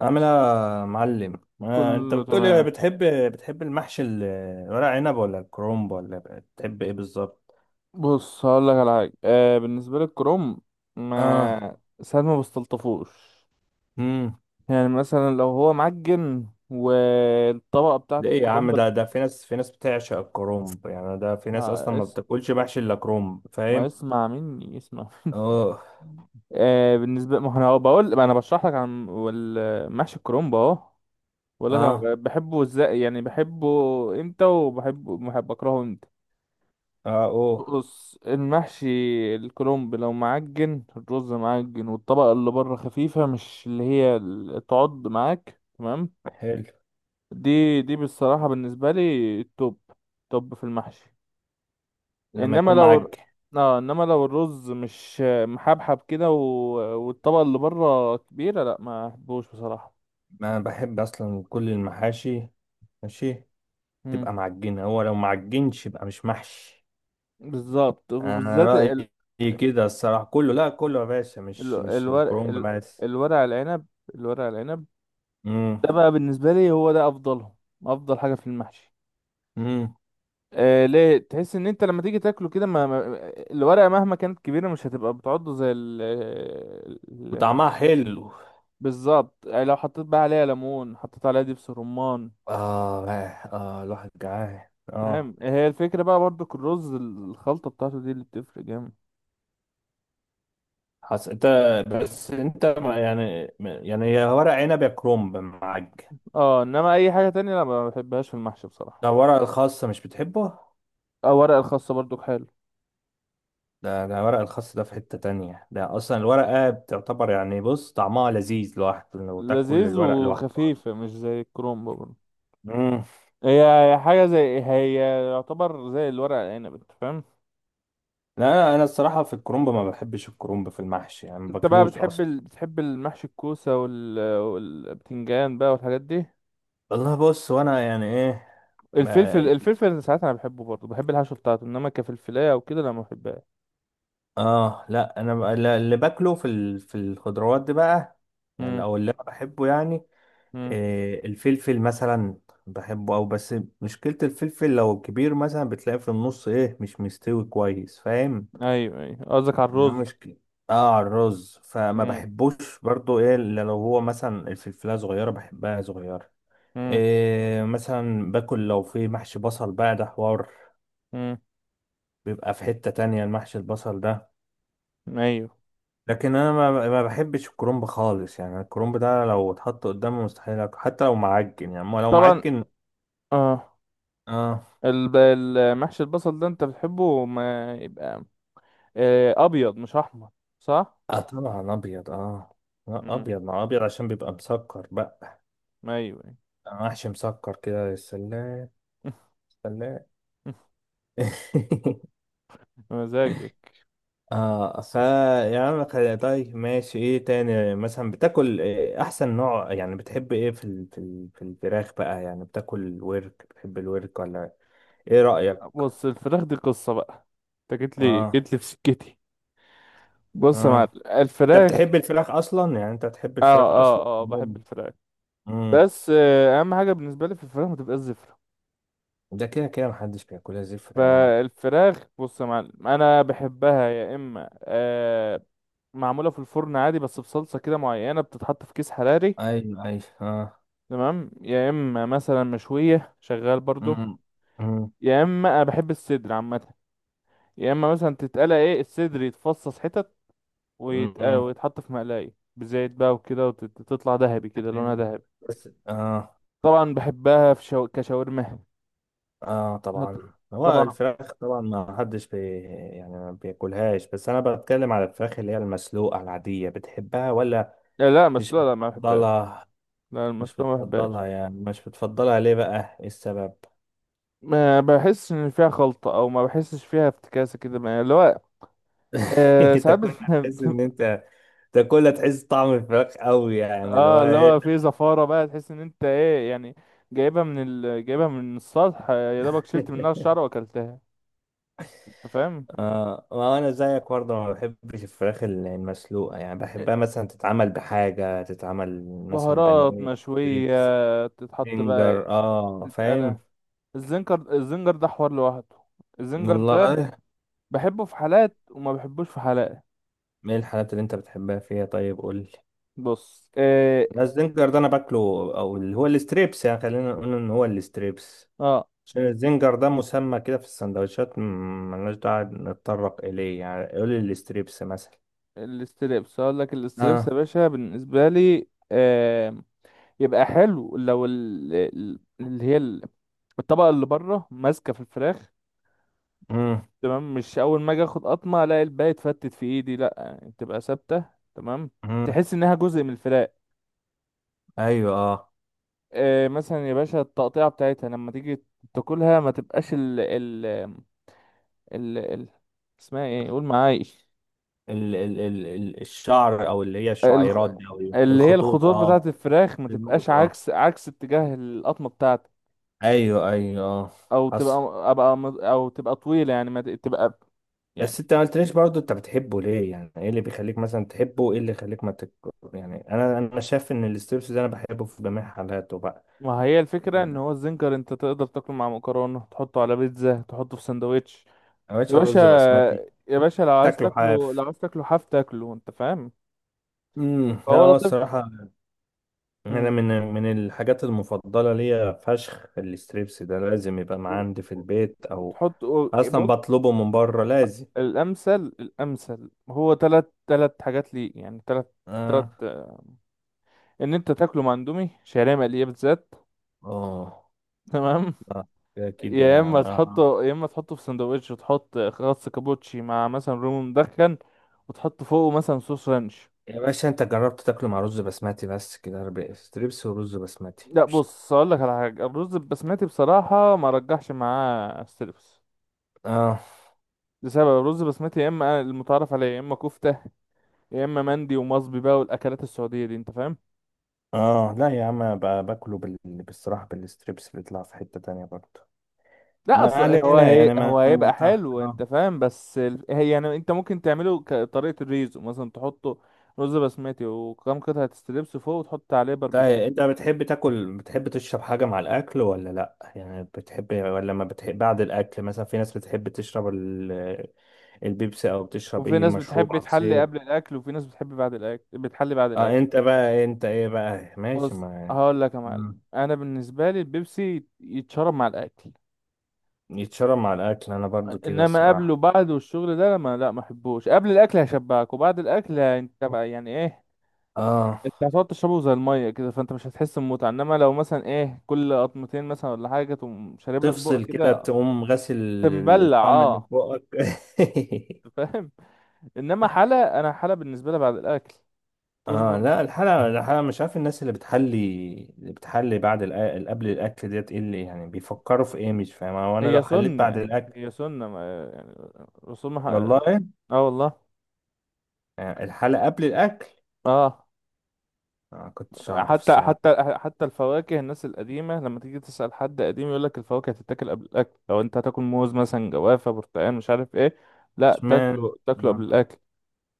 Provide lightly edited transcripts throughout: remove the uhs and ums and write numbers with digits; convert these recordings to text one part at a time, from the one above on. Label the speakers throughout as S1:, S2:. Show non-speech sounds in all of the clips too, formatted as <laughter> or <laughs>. S1: عامل ايه يا معلم؟ آه، انت
S2: كله
S1: بتقولي
S2: تمام.
S1: بتحب المحشي ورق عنب ولا الكرنب ولا بتحب ايه بالظبط؟
S2: بص، هقول لك على حاجه. بالنسبه للكروم،
S1: اه.
S2: ما ساعات ما بستلطفوش.
S1: امم.
S2: يعني مثلا لو هو معجن، والطبقه بتاعه
S1: ده ايه يا
S2: الكروم
S1: عم؟ ده في ناس بتعشق الكرنب، يعني ده في ناس
S2: ما
S1: اصلا ما
S2: اس...
S1: بتاكلش محشي الا كرنب،
S2: ما
S1: فاهم؟
S2: اسمع مني، اسمع.
S1: اه،
S2: بالنسبه، ما انا بشرح لك عن محشي الكرومب اهو. بقول لك
S1: اه،
S2: أنا بحبه ازاي، يعني بحبه امتى، وبحبه، بحب اكرهه امتى.
S1: اه، اوه.
S2: بص، المحشي الكرنب لو معجن، الرز معجن، والطبقة اللي بره خفيفة، مش اللي هي تعض معاك، تمام.
S1: حلو.
S2: دي بصراحة بالنسبة لي التوب توب في المحشي.
S1: لما
S2: انما
S1: يكون
S2: لو
S1: معجن.
S2: اه انما لو الرز مش محبحب كده والطبقة اللي بره كبيرة، لا، ما احبوش بصراحة.
S1: ما بحب اصلا كل المحاشي، ماشي.
S2: مم.
S1: تبقى معجنه، هو لو معجنش يبقى مش محشي.
S2: بالظبط،
S1: انا
S2: وبالذات
S1: رأيي كده الصراحة، كله، لا كله يا باشا، مش
S2: الورق،
S1: الكرومب بس.
S2: الورق العنب الورق العنب
S1: امم،
S2: ده بقى بالنسبة لي هو ده افضلهم، افضل حاجة في المحشي.
S1: امم.
S2: ليه؟ تحس ان انت لما تيجي تاكله كده، الورقه مهما كانت كبيره مش هتبقى بتعضه زي ال-
S1: وطعمها حلو.
S2: بالظبط. يعني لو حطيت بقى عليها ليمون، حطيت عليها دبس رمان،
S1: اه، اه، آه، الواحد جعان، اه.
S2: فاهم. هي الفكره بقى برضك، الرز، الخلطه بتاعته دي اللي بتفرق جامد.
S1: انت، بس انت يعني هي ورق عنب يا كرومب معاك.
S2: اه، انما اي حاجه تانية لا، ما بحبهاش في المحشي بصراحه.
S1: ده ورق الخاص، مش بتحبه؟
S2: اه، ورق الخاصه برضك حلو،
S1: ده ورق الخاص، ده في حتة تانية، ده اصلا الورقة بتعتبر يعني، بص طعمها لذيذ لوحده، لو تاكل
S2: لذيذ
S1: الورق لوحده اصلا.
S2: وخفيفه، مش زي الكرومب برضه.
S1: امم.
S2: هي هي حاجه، زي، هي يعتبر زي الورق العنب، انت فاهم.
S1: لا انا، الصراحة في الكرومب ما بحبش الكرومب في المحشي، يعني ما
S2: انت بقى
S1: باكلوش اصلا.
S2: بتحب المحشي الكوسة والبتنجان بقى والحاجات دي.
S1: والله بص، وانا يعني ايه، ما
S2: الفلفل انا ساعات انا بحبه برضه، بحب الحشو بتاعته، انما كفلفلايه او كده لا، ما بحبهاش.
S1: اه لا انا لا، اللي باكله في في الخضروات دي بقى، يعني
S2: امم،
S1: او اللي انا بحبه يعني،
S2: امم.
S1: إيه الفلفل مثلا. بحبه او بس، مشكلة الفلفل لو كبير مثلا بتلاقيه في النص ايه، مش مستوي كويس، فاهم؟
S2: ايوه، ايوه، قصدك على
S1: ده
S2: الرز.
S1: مشكلة. اه على الرز، فما
S2: امم،
S1: بحبوش برضو ايه، الا لو هو مثلا الفلفلة صغيرة، بحبها صغيرة.
S2: امم.
S1: إيه، مثلا باكل لو في محشي بصل بقى، ده حوار.
S2: امم،
S1: بيبقى في حتة تانية المحشي البصل ده.
S2: ايوه،
S1: لكن انا ما بحبش الكرنب خالص، يعني الكرنب ده لو اتحط قدامي مستحيل اكل، حتى لو معجن يعني، ما لو
S2: طبعا.
S1: معجن.
S2: اه،
S1: اه،
S2: المحشي البصل ده انت بتحبه، ما يبقى ابيض مش احمر، صح؟
S1: اه طبعا ابيض، اه. لا
S2: امم.
S1: ابيض مع ابيض عشان بيبقى مسكر بقى.
S2: ايوه، أيوة.
S1: أنا محشي مسكر كده يا سلام. سلام.
S2: <laughs>
S1: <laughs>
S2: مزاجك.
S1: اه، يعني طيب ماشي، ايه تاني مثلا بتاكل؟ إيه احسن نوع، يعني بتحب ايه في في الفراخ بقى، يعني بتاكل ورك، بتحب الورك ولا؟ ايه رأيك؟
S2: بص، الفراخ دي قصة بقى. انت جيت لي
S1: اه،
S2: جيت لي في سكتي. بص يا معلم،
S1: اه. انت
S2: الفراخ،
S1: بتحب الفراخ اصلا؟ يعني انت بتحب
S2: اه،
S1: الفراخ اصلا؟
S2: اه، اه، بحب الفراخ.
S1: امم.
S2: بس اهم حاجه بالنسبه لي في الفراخ ما تبقاش زفره.
S1: ده كده كده محدش بياكلها زفرة يعني.
S2: فالفراخ، بص يا معلم، انا بحبها يا اما معموله في الفرن عادي، بس بصلصه كده معينه بتتحط في كيس حراري،
S1: ايوه، ايوه، اه.
S2: تمام. يا اما مثلا مشويه، شغال
S1: امم،
S2: برضو.
S1: امم،
S2: يا اما انا بحب الصدر عامه. يا اما مثلا تتقلى، ايه، الصدر يتفصص حتت
S1: امم.
S2: ويتحط في مقلايه بزيت بقى وكده، وتطلع ذهبي كده، لونها ذهبي.
S1: بس اه،
S2: طبعا بحبها في كشاورما.
S1: اه
S2: ما ط-
S1: طبعا هو
S2: طبعا.
S1: الفراخ طبعا ما حدش يعني ما بياكلهاش. بس انا بتكلم على الفراخ اللي هي المسلوقه العاديه، بتحبها ولا؟
S2: لا، لا،
S1: مش
S2: مسلوقة لا، ما بحبهاش.
S1: بتفضلها؟
S2: لا،
S1: مش
S2: المسلوقة ما بحبهاش.
S1: بتفضلها يعني؟ مش بتفضلها ليه بقى، ايه السبب؟
S2: ما بحسش ان فيها خلطة، او ما بحسش فيها افتكاسة كده، اللي هو
S1: <laughs> انت
S2: ساعات
S1: كنت هتحس ان
S2: <laughs>
S1: انت تاكلها تحس طعم الفراخ قوي، يعني اللي هو
S2: اه، اللي
S1: ايه.
S2: هو في زفارة بقى، تحس ان انت ايه يعني، جايبها من السطح، يا دوبك شلت منها
S1: <laughs>
S2: الشعر واكلتها، انت فاهم.
S1: اه ما انا زيك برضه، ما بحبش الفراخ المسلوقه. يعني بحبها مثلا تتعمل بحاجه، تتعمل مثلا
S2: بهارات
S1: بانيه، ستريبس،
S2: مشوية، تتحط بقى،
S1: فينجر، اه،
S2: تتقلى.
S1: فاهم؟
S2: الزنجر ده حوار لوحده. الزنجر ده
S1: والله.
S2: بحبه في حالات، وما بحبوش في حالات.
S1: ايه الحاجات اللي انت بتحبها فيها، طيب قول لي.
S2: بص. اه,
S1: لا، الزنجر ده انا باكله. او اللي هو الستريبس، يعني خلينا نقول ان هو الستريبس،
S2: آه.
S1: عشان الزنجر ده مسمى كده في السندوتشات، ملناش داعي نتطرق اليه يعني. قول لي الستريبس مثلا.
S2: الاستريبس، هقول لك الاستريبس يا
S1: اه.
S2: باشا بالنسبه لي، آه يبقى حلو لو الطبقه اللي بره ماسكه في الفراخ،
S1: مم.
S2: تمام، مش اول ما اجي اخد قطمه الاقي الباقي اتفتت في ايدي، لا، يعني تبقى ثابته، تمام،
S1: مم.
S2: تحس انها جزء من الفراخ.
S1: ايوه، اه.
S2: مثلا يا باشا التقطيعه بتاعتها لما تيجي تاكلها، ما تبقاش ال, ال... اسمها ايه، قول معايا.
S1: الشعر او اللي هي
S2: الخ-
S1: الشعيرات دي او إيه؟
S2: اللي هي
S1: الخطوط،
S2: الخطوط
S1: اه.
S2: بتاعت الفراخ ما تبقاش
S1: الخيوط، اه.
S2: عكس اتجاه القطمه بتاعتك،
S1: ايوه، ايوه، اه.
S2: او تبقى
S1: حصل.
S2: او تبقى طويله، يعني ما تبقى
S1: بس
S2: يعني.
S1: انت ما قلتليش برضه انت بتحبه ليه، يعني ايه اللي بيخليك مثلا تحبه، ايه اللي يخليك ما يعني انا، شايف ان الاستريبس ده انا بحبه في جميع حالاته بقى.
S2: ما هي الفكره ان هو الزنجر انت تقدر تاكله مع مكرونه، تحطه على بيتزا، تحطه في سندوتش،
S1: ما
S2: يا
S1: بقتش
S2: باشا.
S1: رز بسمتي.
S2: يا باشا، لو عايز
S1: تاكله
S2: تاكله لو
S1: حاف.
S2: عايز تاكله حاف، تاكله، انت فاهم،
S1: امم، لا
S2: فهو
S1: هو
S2: لطيف.
S1: الصراحه
S2: مم.
S1: انا من، الحاجات المفضله ليا فشخ الستريبس ده، لازم يبقى معاه
S2: و-
S1: عندي في البيت، او
S2: وتحط
S1: اصلا
S2: بص،
S1: بطلبه من بره لازم.
S2: الامثل هو تلات، تلات حاجات لي، يعني تلات، تلات،
S1: اه،
S2: ان انت تاكله مع اندومي شعريه مقليه بالذات،
S1: اه،
S2: تمام.
S1: آه، كده كده
S2: يا اما
S1: يعني، اه.
S2: تحطه، يا اما تحطه في سندوتش وتحط خس كابوتشي مع مثلا رومي مدخن، وتحط فوقه مثلا صوص رانش.
S1: يا باشا انت جربت تاكله مع رز بسمتي، بس كده ربع ستريبس ورز بسمتي
S2: لا، بص، اقول لك على حاجه، الرز البسمتي بصراحه ما رجحش معاه الستريبس،
S1: اه،
S2: لسبب، الرز البسمتي يا اما المتعارف عليه، يا اما كفته، يا اما مندي ومصبي بقى، والاكلات السعوديه دي، انت فاهم.
S1: اه. لا يا عم بقى باكله بالصراحه بالستريبس بيطلع في حته تانية برضه.
S2: لا،
S1: ما
S2: اصل هو
S1: علينا
S2: هي
S1: يعني، ما
S2: هو هيبقى
S1: انت،
S2: حلو،
S1: آه.
S2: انت فاهم، بس هي يعني، انت ممكن تعمله كطريقه الريزو مثلا، تحطه رز بسمتي وكم قطعه ستريبس فوق، وتحط عليه
S1: طيب
S2: باربيكيو.
S1: انت بتحب تاكل، بتحب تشرب حاجة مع الاكل ولا لا؟ يعني بتحب ولا ما بتحب؟ بعد الاكل مثلا في ناس بتحب تشرب البيبسي، او بتشرب
S2: وفي
S1: ايه،
S2: ناس
S1: مشروب،
S2: بتحب تحلي
S1: عصير.
S2: قبل الاكل، وفي ناس بتحب بعد الاكل بتحلي بعد الاكل.
S1: اه، انت بقى انت ايه بقى ماشي،
S2: بص،
S1: ما
S2: هقول لك يا معلم،
S1: مم.
S2: انا بالنسبه لي البيبسي يتشرب مع الاكل.
S1: يتشرب مع الاكل، انا برضو كده
S2: انما قبله
S1: الصراحة.
S2: بعده والشغل ده، ما لا، ما احبوش. قبل الاكل هيشبعك، وبعد الاكل انت بقى يعني ايه،
S1: اه
S2: انت هتقعد تشربه زي الميه كده، فانت مش هتحس بمتعه. انما لو مثلا، ايه، كل قطمتين مثلا ولا حاجه تقوم شارب لك بق
S1: تفصل كده،
S2: كده،
S1: تقوم غاسل
S2: تمبلع،
S1: الطعم اللي في
S2: اه،
S1: بقك. <laughs>
S2: فاهم. انما حلا، انا حلا بالنسبه لي بعد الاكل.
S1: اه
S2: تصبر.
S1: لا، الحلقة مش عارف الناس اللي بتحلي، اللي بتحلي بعد قبل الأكل ديت، ايه اللي يعني بيفكروا في ايه، مش فاهم، هو انا لو
S2: هي
S1: حليت بعد
S2: سنة
S1: الأكل.
S2: هي سنة رسول مح...
S1: والله.
S2: اه، والله.
S1: آه، الحلقة قبل الأكل.
S2: اه،
S1: آه، ما كنتش أعرف
S2: حتى
S1: الصراحة.
S2: حتى حتى الفواكه، الناس القديمة لما تيجي تسأل حد قديم يقول لك الفواكه هتتاكل قبل الأكل. لو أنت هتاكل موز مثلا، جوافة، برتقال، مش عارف إيه، لا،
S1: اشمعنى؟
S2: تاكله، تاكله قبل
S1: آه،
S2: الأكل.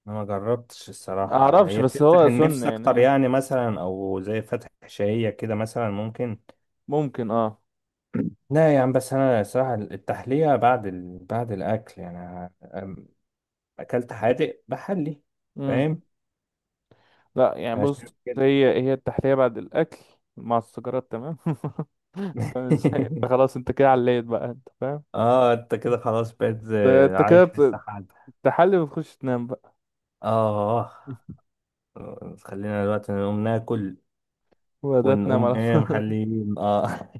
S1: أنا ما جربتش الصراحة، يعني
S2: معرفش،
S1: هي
S2: بس
S1: بتفتح
S2: هو سنة
S1: النفس أكتر
S2: يعني،
S1: يعني، مثلا أو زي فتح شهية كده مثلا ممكن.
S2: ممكن، اه.
S1: لا يا عم، بس أنا الصراحة التحلية بعد بعد الأكل، يعني آه، أكلت حادق بحلي،
S2: مم.
S1: فاهم؟
S2: لا يعني، بص،
S1: عشان كده.
S2: هي التحلية بعد الأكل مع السيجارات، تمام. <laughs> فاهم ازاي؟ انت
S1: <laughs>
S2: خلاص، انت كده عليت بقى، انت فاهم.
S1: اه انت كده خلاص بقيت
S2: انت
S1: عايش في
S2: كده
S1: السحاب.
S2: تحلي وتخش تنام بقى.
S1: اه
S2: <laughs>
S1: خلينا دلوقتي نقوم ناكل
S2: وده تنام على
S1: ونقوم. <laughs> ايه
S2: طول.
S1: محليين، اه.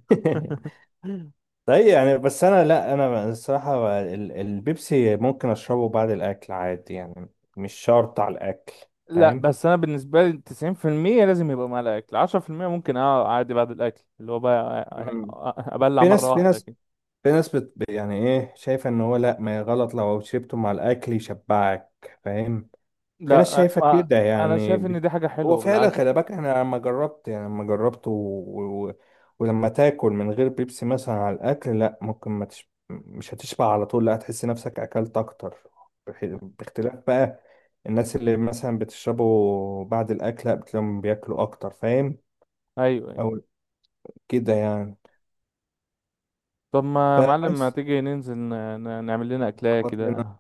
S2: <laughs>
S1: <laughs> طيب يعني بس انا، لا انا الصراحة البيبسي ممكن اشربه بعد الاكل عادي يعني، مش شرط على الاكل.
S2: لا،
S1: فاهم؟
S2: بس انا بالنسبه لي 90% لازم يبقى مع الاكل، 10% ممكن، اه، عادي بعد الاكل، اللي هو بقى
S1: مم.
S2: ابلع
S1: في ناس
S2: مره
S1: في
S2: واحده
S1: ناس
S2: كده.
S1: في ناس يعني ايه شايفة ان هو لا، ما غلط لو شربته مع الاكل يشبعك، فاهم؟ في ناس
S2: لا،
S1: شايفة
S2: ما
S1: كده
S2: انا
S1: يعني
S2: شايف ان دي حاجه
S1: هو
S2: حلوه
S1: فعلا، خلي
S2: بالعكس.
S1: بالك انا لما جربت، يعني لما جربت ولما تاكل من غير بيبسي مثلا على الاكل، لا ممكن ما مش هتشبع على طول، لا هتحس نفسك اكلت اكتر. باختلاف بقى. الناس اللي مثلا بتشربوا بعد الاكل لا، بتلاقيهم بياكلوا اكتر، فاهم؟
S2: ايوه، أيوة.
S1: او كده يعني.
S2: طب ما يا معلم، ما
S1: فبس،
S2: تيجي ننزل نعمل لنا اكلايه
S1: اخبط لنا،
S2: كده.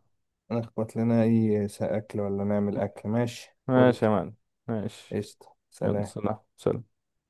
S1: نخبط لنا اي اكل ولا نعمل اكل، ماشي قول.
S2: ماشي يا معلم، ماشي.
S1: قشطة،
S2: يلا،
S1: سلام.
S2: سلام، سلام.